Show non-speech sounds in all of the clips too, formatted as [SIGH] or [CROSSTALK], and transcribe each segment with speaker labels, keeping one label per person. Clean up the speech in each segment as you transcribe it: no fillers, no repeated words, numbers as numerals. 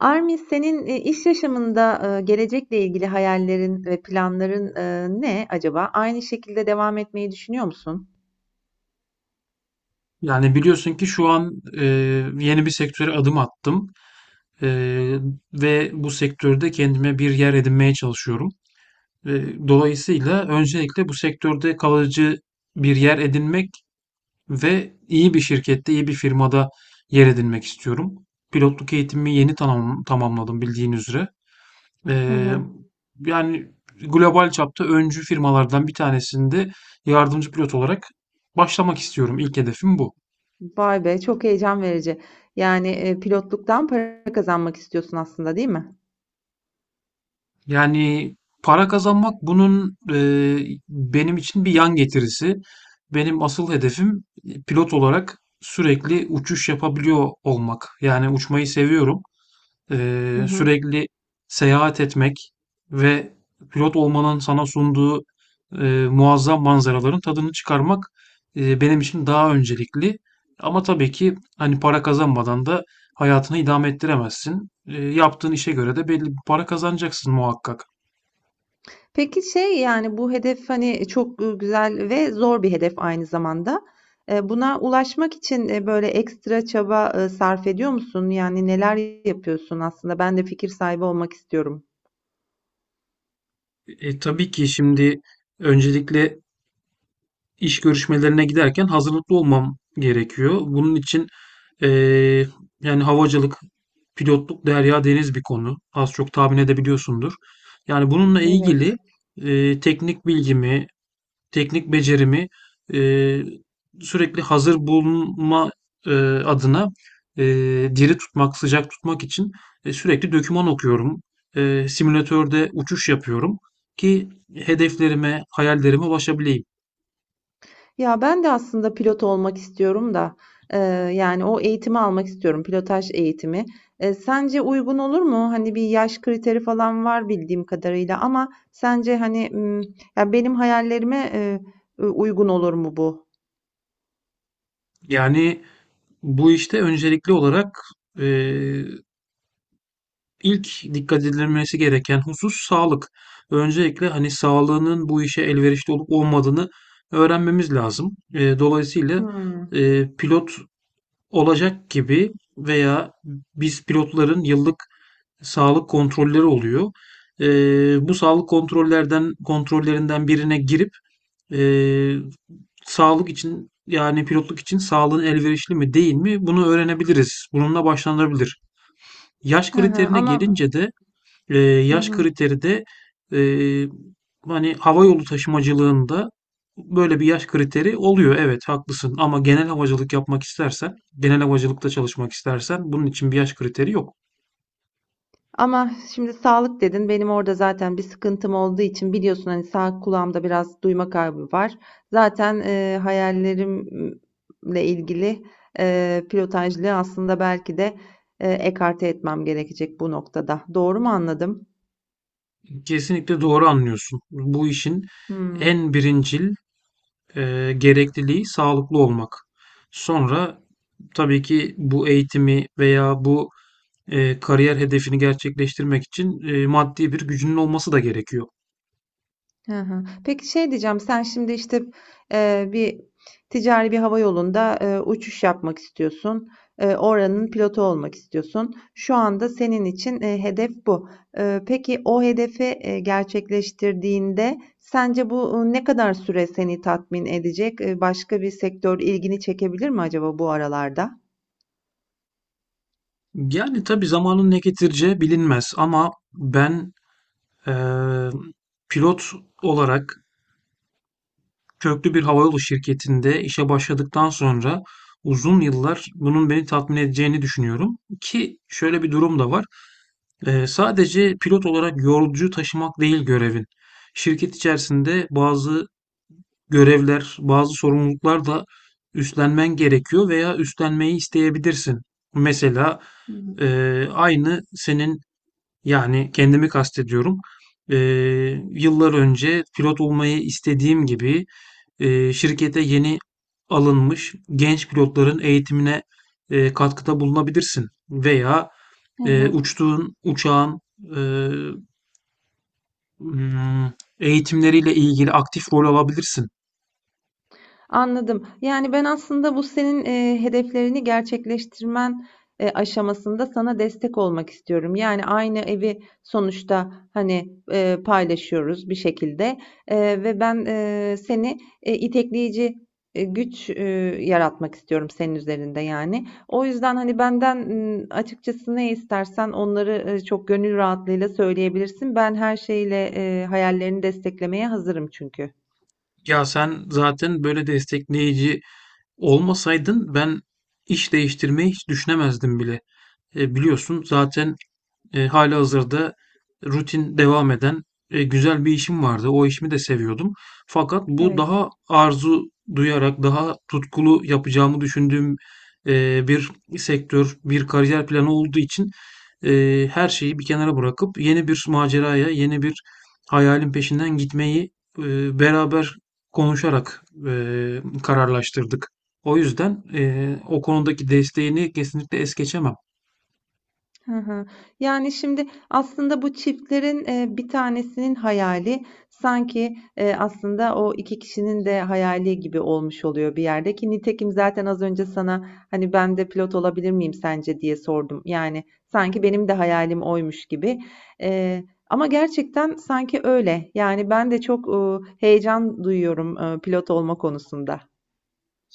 Speaker 1: Armi, senin, iş yaşamında, gelecekle ilgili hayallerin ve planların, ne acaba? Aynı şekilde devam etmeyi düşünüyor musun?
Speaker 2: Yani biliyorsun ki şu an e, yeni bir sektöre adım attım. E, Ve bu sektörde kendime bir yer edinmeye çalışıyorum. Dolayısıyla öncelikle bu sektörde kalıcı bir yer edinmek ve iyi bir şirkette, iyi bir firmada yer edinmek istiyorum. Pilotluk eğitimimi yeni tamamladım bildiğin üzere. E,
Speaker 1: Hı hı.
Speaker 2: yani global çapta öncü firmalardan bir tanesinde yardımcı pilot olarak başlamak istiyorum. İlk hedefim bu.
Speaker 1: Vay be, çok heyecan verici. Yani, pilotluktan para kazanmak istiyorsun aslında, değil mi?
Speaker 2: Yani para kazanmak bunun benim için bir yan getirisi. Benim asıl hedefim pilot olarak sürekli uçuş yapabiliyor olmak. Yani uçmayı seviyorum.
Speaker 1: Hı hı.
Speaker 2: Sürekli seyahat etmek ve pilot olmanın sana sunduğu muazzam manzaraların tadını çıkarmak benim için daha öncelikli. Ama tabii ki hani para kazanmadan da hayatını idame ettiremezsin. Yaptığın işe göre de belli bir para kazanacaksın muhakkak.
Speaker 1: Peki şey, yani, bu hedef, hani, çok, güzel ve zor bir hedef aynı zamanda. Buna ulaşmak için, böyle ekstra çaba, sarf ediyor musun? Yani, neler yapıyorsun aslında? Ben de fikir sahibi olmak istiyorum.
Speaker 2: Tabii ki şimdi öncelikle iş görüşmelerine giderken hazırlıklı olmam gerekiyor. Bunun için e, yani havacılık, pilotluk, derya deniz bir konu. Az çok tahmin edebiliyorsundur. Yani bununla ilgili
Speaker 1: Evet.
Speaker 2: teknik bilgimi, teknik becerimi eee, sürekli hazır bulunma eee, adına diri tutmak, sıcak tutmak için sürekli doküman okuyorum. Simülatörde uçuş yapıyorum ki hedeflerime, hayallerime ulaşabileyim.
Speaker 1: Ya ben de aslında pilot olmak istiyorum da e, yani o eğitimi almak istiyorum pilotaj eğitimi. Sence uygun olur mu? Hani bir yaş kriteri falan var bildiğim kadarıyla ama sence hani ya benim hayallerime uygun olur mu bu?
Speaker 2: Yani bu işte öncelikli olarak eee, ilk dikkat edilmesi gereken husus sağlık. Öncelikle hani sağlığının bu işe elverişli olup olmadığını öğrenmemiz lazım. Dolayısıyla
Speaker 1: Hmm.
Speaker 2: pilot olacak gibi veya biz pilotların yıllık sağlık kontrolleri oluyor. Bu sağlık kontrollerinden birine girip ee, sağlık için yani pilotluk için sağlığın elverişli mi değil mi bunu öğrenebiliriz. Bununla başlanabilir. Yaş
Speaker 1: Hı hı,
Speaker 2: kriterine
Speaker 1: ama
Speaker 2: gelince de
Speaker 1: hı
Speaker 2: yaş
Speaker 1: hı.
Speaker 2: kriteri de ee, hani hava yolu taşımacılığında böyle bir yaş kriteri oluyor. Evet haklısın ama genel havacılık yapmak istersen, genel havacılıkta çalışmak istersen bunun için bir yaş kriteri yok.
Speaker 1: Ama şimdi sağlık dedin. Benim orada zaten bir sıkıntım olduğu için biliyorsun hani sağ kulağımda biraz duyma kaybı var. Zaten hayallerimle ilgili pilotajlığı aslında belki de ekarte etmem gerekecek bu noktada. Doğru mu anladım?
Speaker 2: Kesinlikle doğru anlıyorsun. Bu işin
Speaker 1: Hmm.
Speaker 2: en birincil gerekliliği sağlıklı olmak. Sonra tabii ki bu eğitimi veya bu kariyer hedefini gerçekleştirmek için maddi bir gücünün olması da gerekiyor.
Speaker 1: Hı hı. Peki şey diyeceğim, sen şimdi işte bir ticari bir hava yolunda uçuş yapmak istiyorsun. Oranın pilotu olmak istiyorsun. Şu anda senin için hedef bu. Peki o hedefi gerçekleştirdiğinde sence bu ne kadar süre seni tatmin edecek? Başka bir sektör ilgini çekebilir mi acaba bu aralarda?
Speaker 2: Yani tabii zamanın ne getireceği bilinmez ama ben e, pilot olarak köklü bir havayolu şirketinde işe başladıktan sonra uzun yıllar bunun beni tatmin edeceğini düşünüyorum ki şöyle bir durum da var. Sadece pilot olarak yolcu taşımak değil görevin. Şirket içerisinde bazı görevler, bazı sorumluluklar da üstlenmen gerekiyor veya üstlenmeyi isteyebilirsin. Mesela
Speaker 1: Hı
Speaker 2: e,
Speaker 1: hı.
Speaker 2: aynı senin yani kendimi kastediyorum. E, Yıllar önce pilot olmayı istediğim gibi şirkete yeni alınmış genç pilotların eğitimine katkıda bulunabilirsin veya
Speaker 1: Hı hı.
Speaker 2: uçtuğun uçağın e, Hmm, eğitimleriyle ilgili aktif rol alabilirsin.
Speaker 1: Anladım. Yani ben aslında bu senin hedeflerini gerçekleştirmen aşamasında sana destek olmak istiyorum. Yani aynı evi sonuçta hani paylaşıyoruz bir şekilde. Ve ben seni itekleyici güç yaratmak istiyorum senin üzerinde yani. O yüzden hani benden açıkçası ne istersen onları çok gönül rahatlığıyla söyleyebilirsin. Ben her şeyle hayallerini desteklemeye hazırım çünkü.
Speaker 2: Ya sen zaten böyle destekleyici olmasaydın ben iş değiştirmeyi hiç düşünemezdim bile. Biliyorsun zaten halihazırda rutin devam eden, güzel bir işim vardı. O işimi de seviyordum. Fakat bu
Speaker 1: Evet.
Speaker 2: daha arzu duyarak, daha tutkulu yapacağımı düşündüğüm, bir sektör, bir kariyer planı olduğu için, her şeyi bir kenara bırakıp yeni bir maceraya, yeni bir hayalin peşinden gitmeyi, beraber konuşarak, kararlaştırdık. O yüzden, o konudaki desteğini kesinlikle es geçemem.
Speaker 1: Hı hı. Yani şimdi aslında bu çiftlerin bir tanesinin hayali sanki aslında o iki kişinin de hayali gibi olmuş oluyor bir yerde ki nitekim zaten az önce sana hani ben de pilot olabilir miyim sence diye sordum. Yani sanki benim de hayalim oymuş gibi. E, Ama gerçekten sanki öyle. Yani ben de çok heyecan duyuyorum pilot olma konusunda.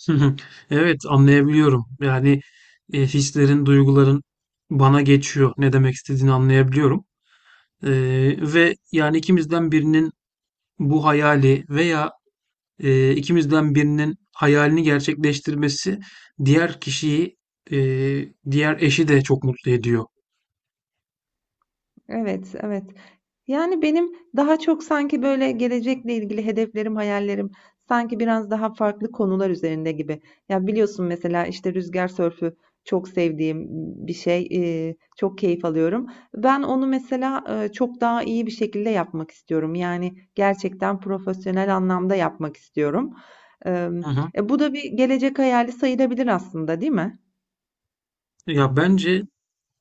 Speaker 2: Hı hı. Evet, anlayabiliyorum. Yani hislerin, duyguların bana geçiyor. Ne demek istediğini anlayabiliyorum. E, Ve yani ikimizden birinin bu hayali veya ikimizden birinin hayalini gerçekleştirmesi diğer kişiyi, e, diğer eşi de çok mutlu ediyor.
Speaker 1: Evet, evet. Yani benim daha çok sanki böyle gelecekle ilgili hedeflerim, hayallerim sanki biraz daha farklı konular üzerinde gibi. Ya biliyorsun mesela işte rüzgar sörfü çok sevdiğim bir şey, çok keyif alıyorum. Ben onu mesela çok daha iyi bir şekilde yapmak istiyorum. Yani gerçekten profesyonel anlamda yapmak istiyorum. Eee,
Speaker 2: Hı hı.
Speaker 1: Bu da bir gelecek hayali sayılabilir aslında, değil mi?
Speaker 2: Ya bence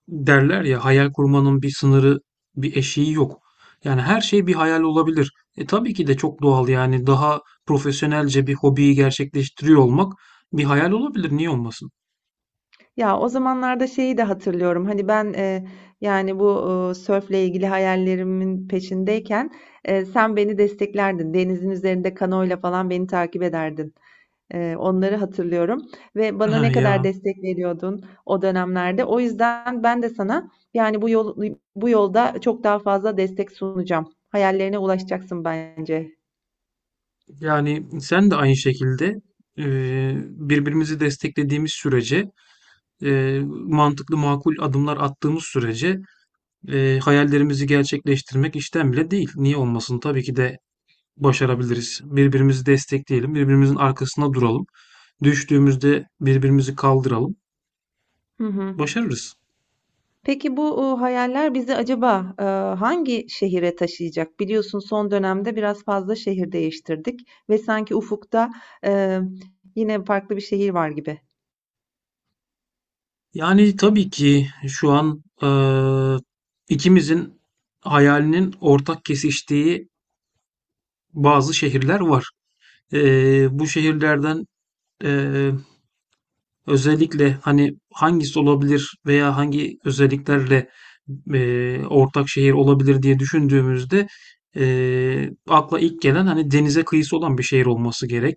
Speaker 2: derler ya hayal kurmanın bir sınırı, bir eşiği yok. Yani her şey bir hayal olabilir. E tabii ki de çok doğal yani daha profesyonelce bir hobiyi gerçekleştiriyor olmak bir hayal olabilir. Niye olmasın?
Speaker 1: Ya o zamanlarda şeyi de hatırlıyorum. Hani ben yani bu sörfle ilgili hayallerimin peşindeyken sen beni desteklerdin. Denizin üzerinde kanoyla falan beni takip ederdin. Onları hatırlıyorum ve bana ne
Speaker 2: [LAUGHS]
Speaker 1: kadar
Speaker 2: Ya.
Speaker 1: destek veriyordun o dönemlerde. O yüzden ben de sana yani bu yolda çok daha fazla destek sunacağım. Hayallerine ulaşacaksın bence.
Speaker 2: Yani sen de aynı şekilde birbirimizi desteklediğimiz sürece, mantıklı makul adımlar attığımız sürece hayallerimizi gerçekleştirmek işten bile değil. Niye olmasın? Tabii ki de başarabiliriz. Birbirimizi destekleyelim, birbirimizin arkasında duralım. Düştüğümüzde birbirimizi kaldıralım.
Speaker 1: Hı hı.
Speaker 2: Başarırız.
Speaker 1: Peki bu hayaller bizi acaba hangi şehire taşıyacak? Biliyorsun son dönemde biraz fazla şehir değiştirdik ve sanki ufukta e, yine farklı bir şehir var gibi.
Speaker 2: Yani tabii ki şu an ikimizin hayalinin ortak kesiştiği bazı şehirler var. Bu şehirlerden Eee, özellikle, hani, hangisi olabilir veya hangi özelliklerle, ortak şehir olabilir diye düşündüğümüzde, akla ilk gelen, hani, denize kıyısı olan bir şehir olması gerek.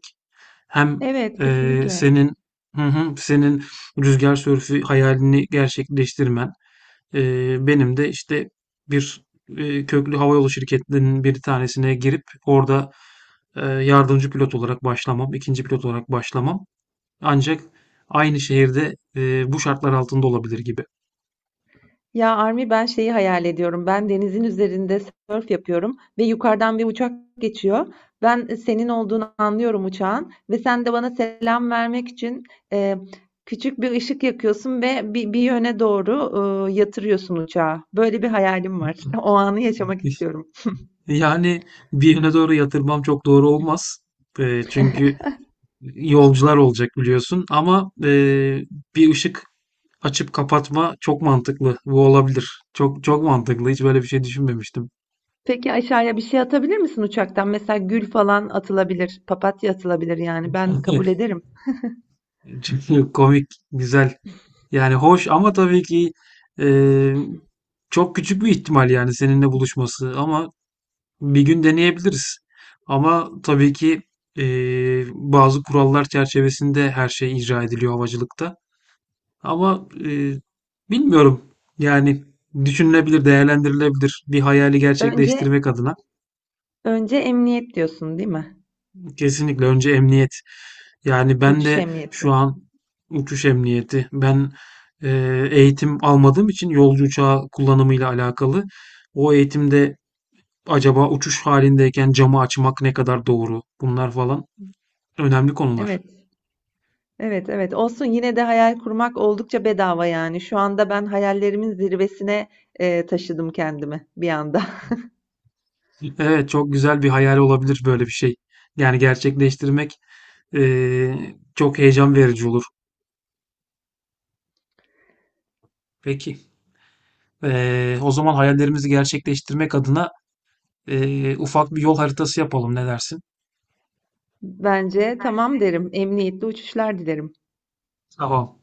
Speaker 2: Hem,
Speaker 1: Evet, kesinlikle.
Speaker 2: senin Hı hı. Senin rüzgar sörfü hayalini gerçekleştirmen, benim de, işte, bir, köklü havayolu şirketlerinin bir tanesine girip orada, yardımcı pilot olarak başlamam, ikinci pilot olarak başlamam ancak aynı şehirde, bu şartlar altında olabilir gibi.
Speaker 1: Ya Armi, ben şeyi hayal ediyorum. Ben denizin üzerinde sörf yapıyorum ve yukarıdan bir uçak geçiyor. Ben senin olduğunu anlıyorum uçağın ve sen de bana selam vermek için e, küçük bir ışık yakıyorsun ve bir yöne doğru yatırıyorsun uçağı. Böyle bir hayalim var. [LAUGHS] O anı yaşamak
Speaker 2: [LAUGHS]
Speaker 1: istiyorum.
Speaker 2: Yani, bir yöne doğru yatırmam çok doğru olmaz. Çünkü yolcular olacak biliyorsun ama, bir ışık açıp kapatma çok mantıklı. Bu olabilir. Çok mantıklı. Hiç böyle bir şey düşünmemiştim.
Speaker 1: Peki aşağıya bir şey atabilir misin uçaktan? Mesela gül falan atılabilir, papatya atılabilir yani ben kabul
Speaker 2: [LAUGHS]
Speaker 1: ederim.
Speaker 2: Çünkü komik, güzel. Yani hoş ama tabii ki e, çok küçük bir ihtimal yani seninle buluşması ama bir gün deneyebiliriz. Ama tabii ki e, bazı kurallar çerçevesinde her şey icra ediliyor havacılıkta. Ama bilmiyorum yani düşünülebilir, değerlendirilebilir bir hayali
Speaker 1: Önce
Speaker 2: gerçekleştirmek adına.
Speaker 1: önce emniyet diyorsun, değil mi?
Speaker 2: Kesinlikle önce emniyet. Yani ben
Speaker 1: Uçuş
Speaker 2: de şu
Speaker 1: emniyeti.
Speaker 2: an uçuş emniyeti, eğitim almadığım için yolcu uçağı kullanımıyla alakalı o eğitimde acaba uçuş halindeyken camı açmak ne kadar doğru? Bunlar falan önemli konular.
Speaker 1: Evet, evet, evet. Olsun yine de hayal kurmak oldukça bedava yani. Şu anda ben hayallerimin zirvesine taşıdım kendimi bir anda. [LAUGHS]
Speaker 2: Evet, çok güzel bir hayal olabilir böyle bir şey. Yani gerçekleştirmek, çok heyecan verici olur. Peki, o zaman hayallerimizi gerçekleştirmek adına, ufak bir yol haritası yapalım, ne dersin?
Speaker 1: Bence tamam derim. Emniyetli uçuşlar dilerim.
Speaker 2: Tamam.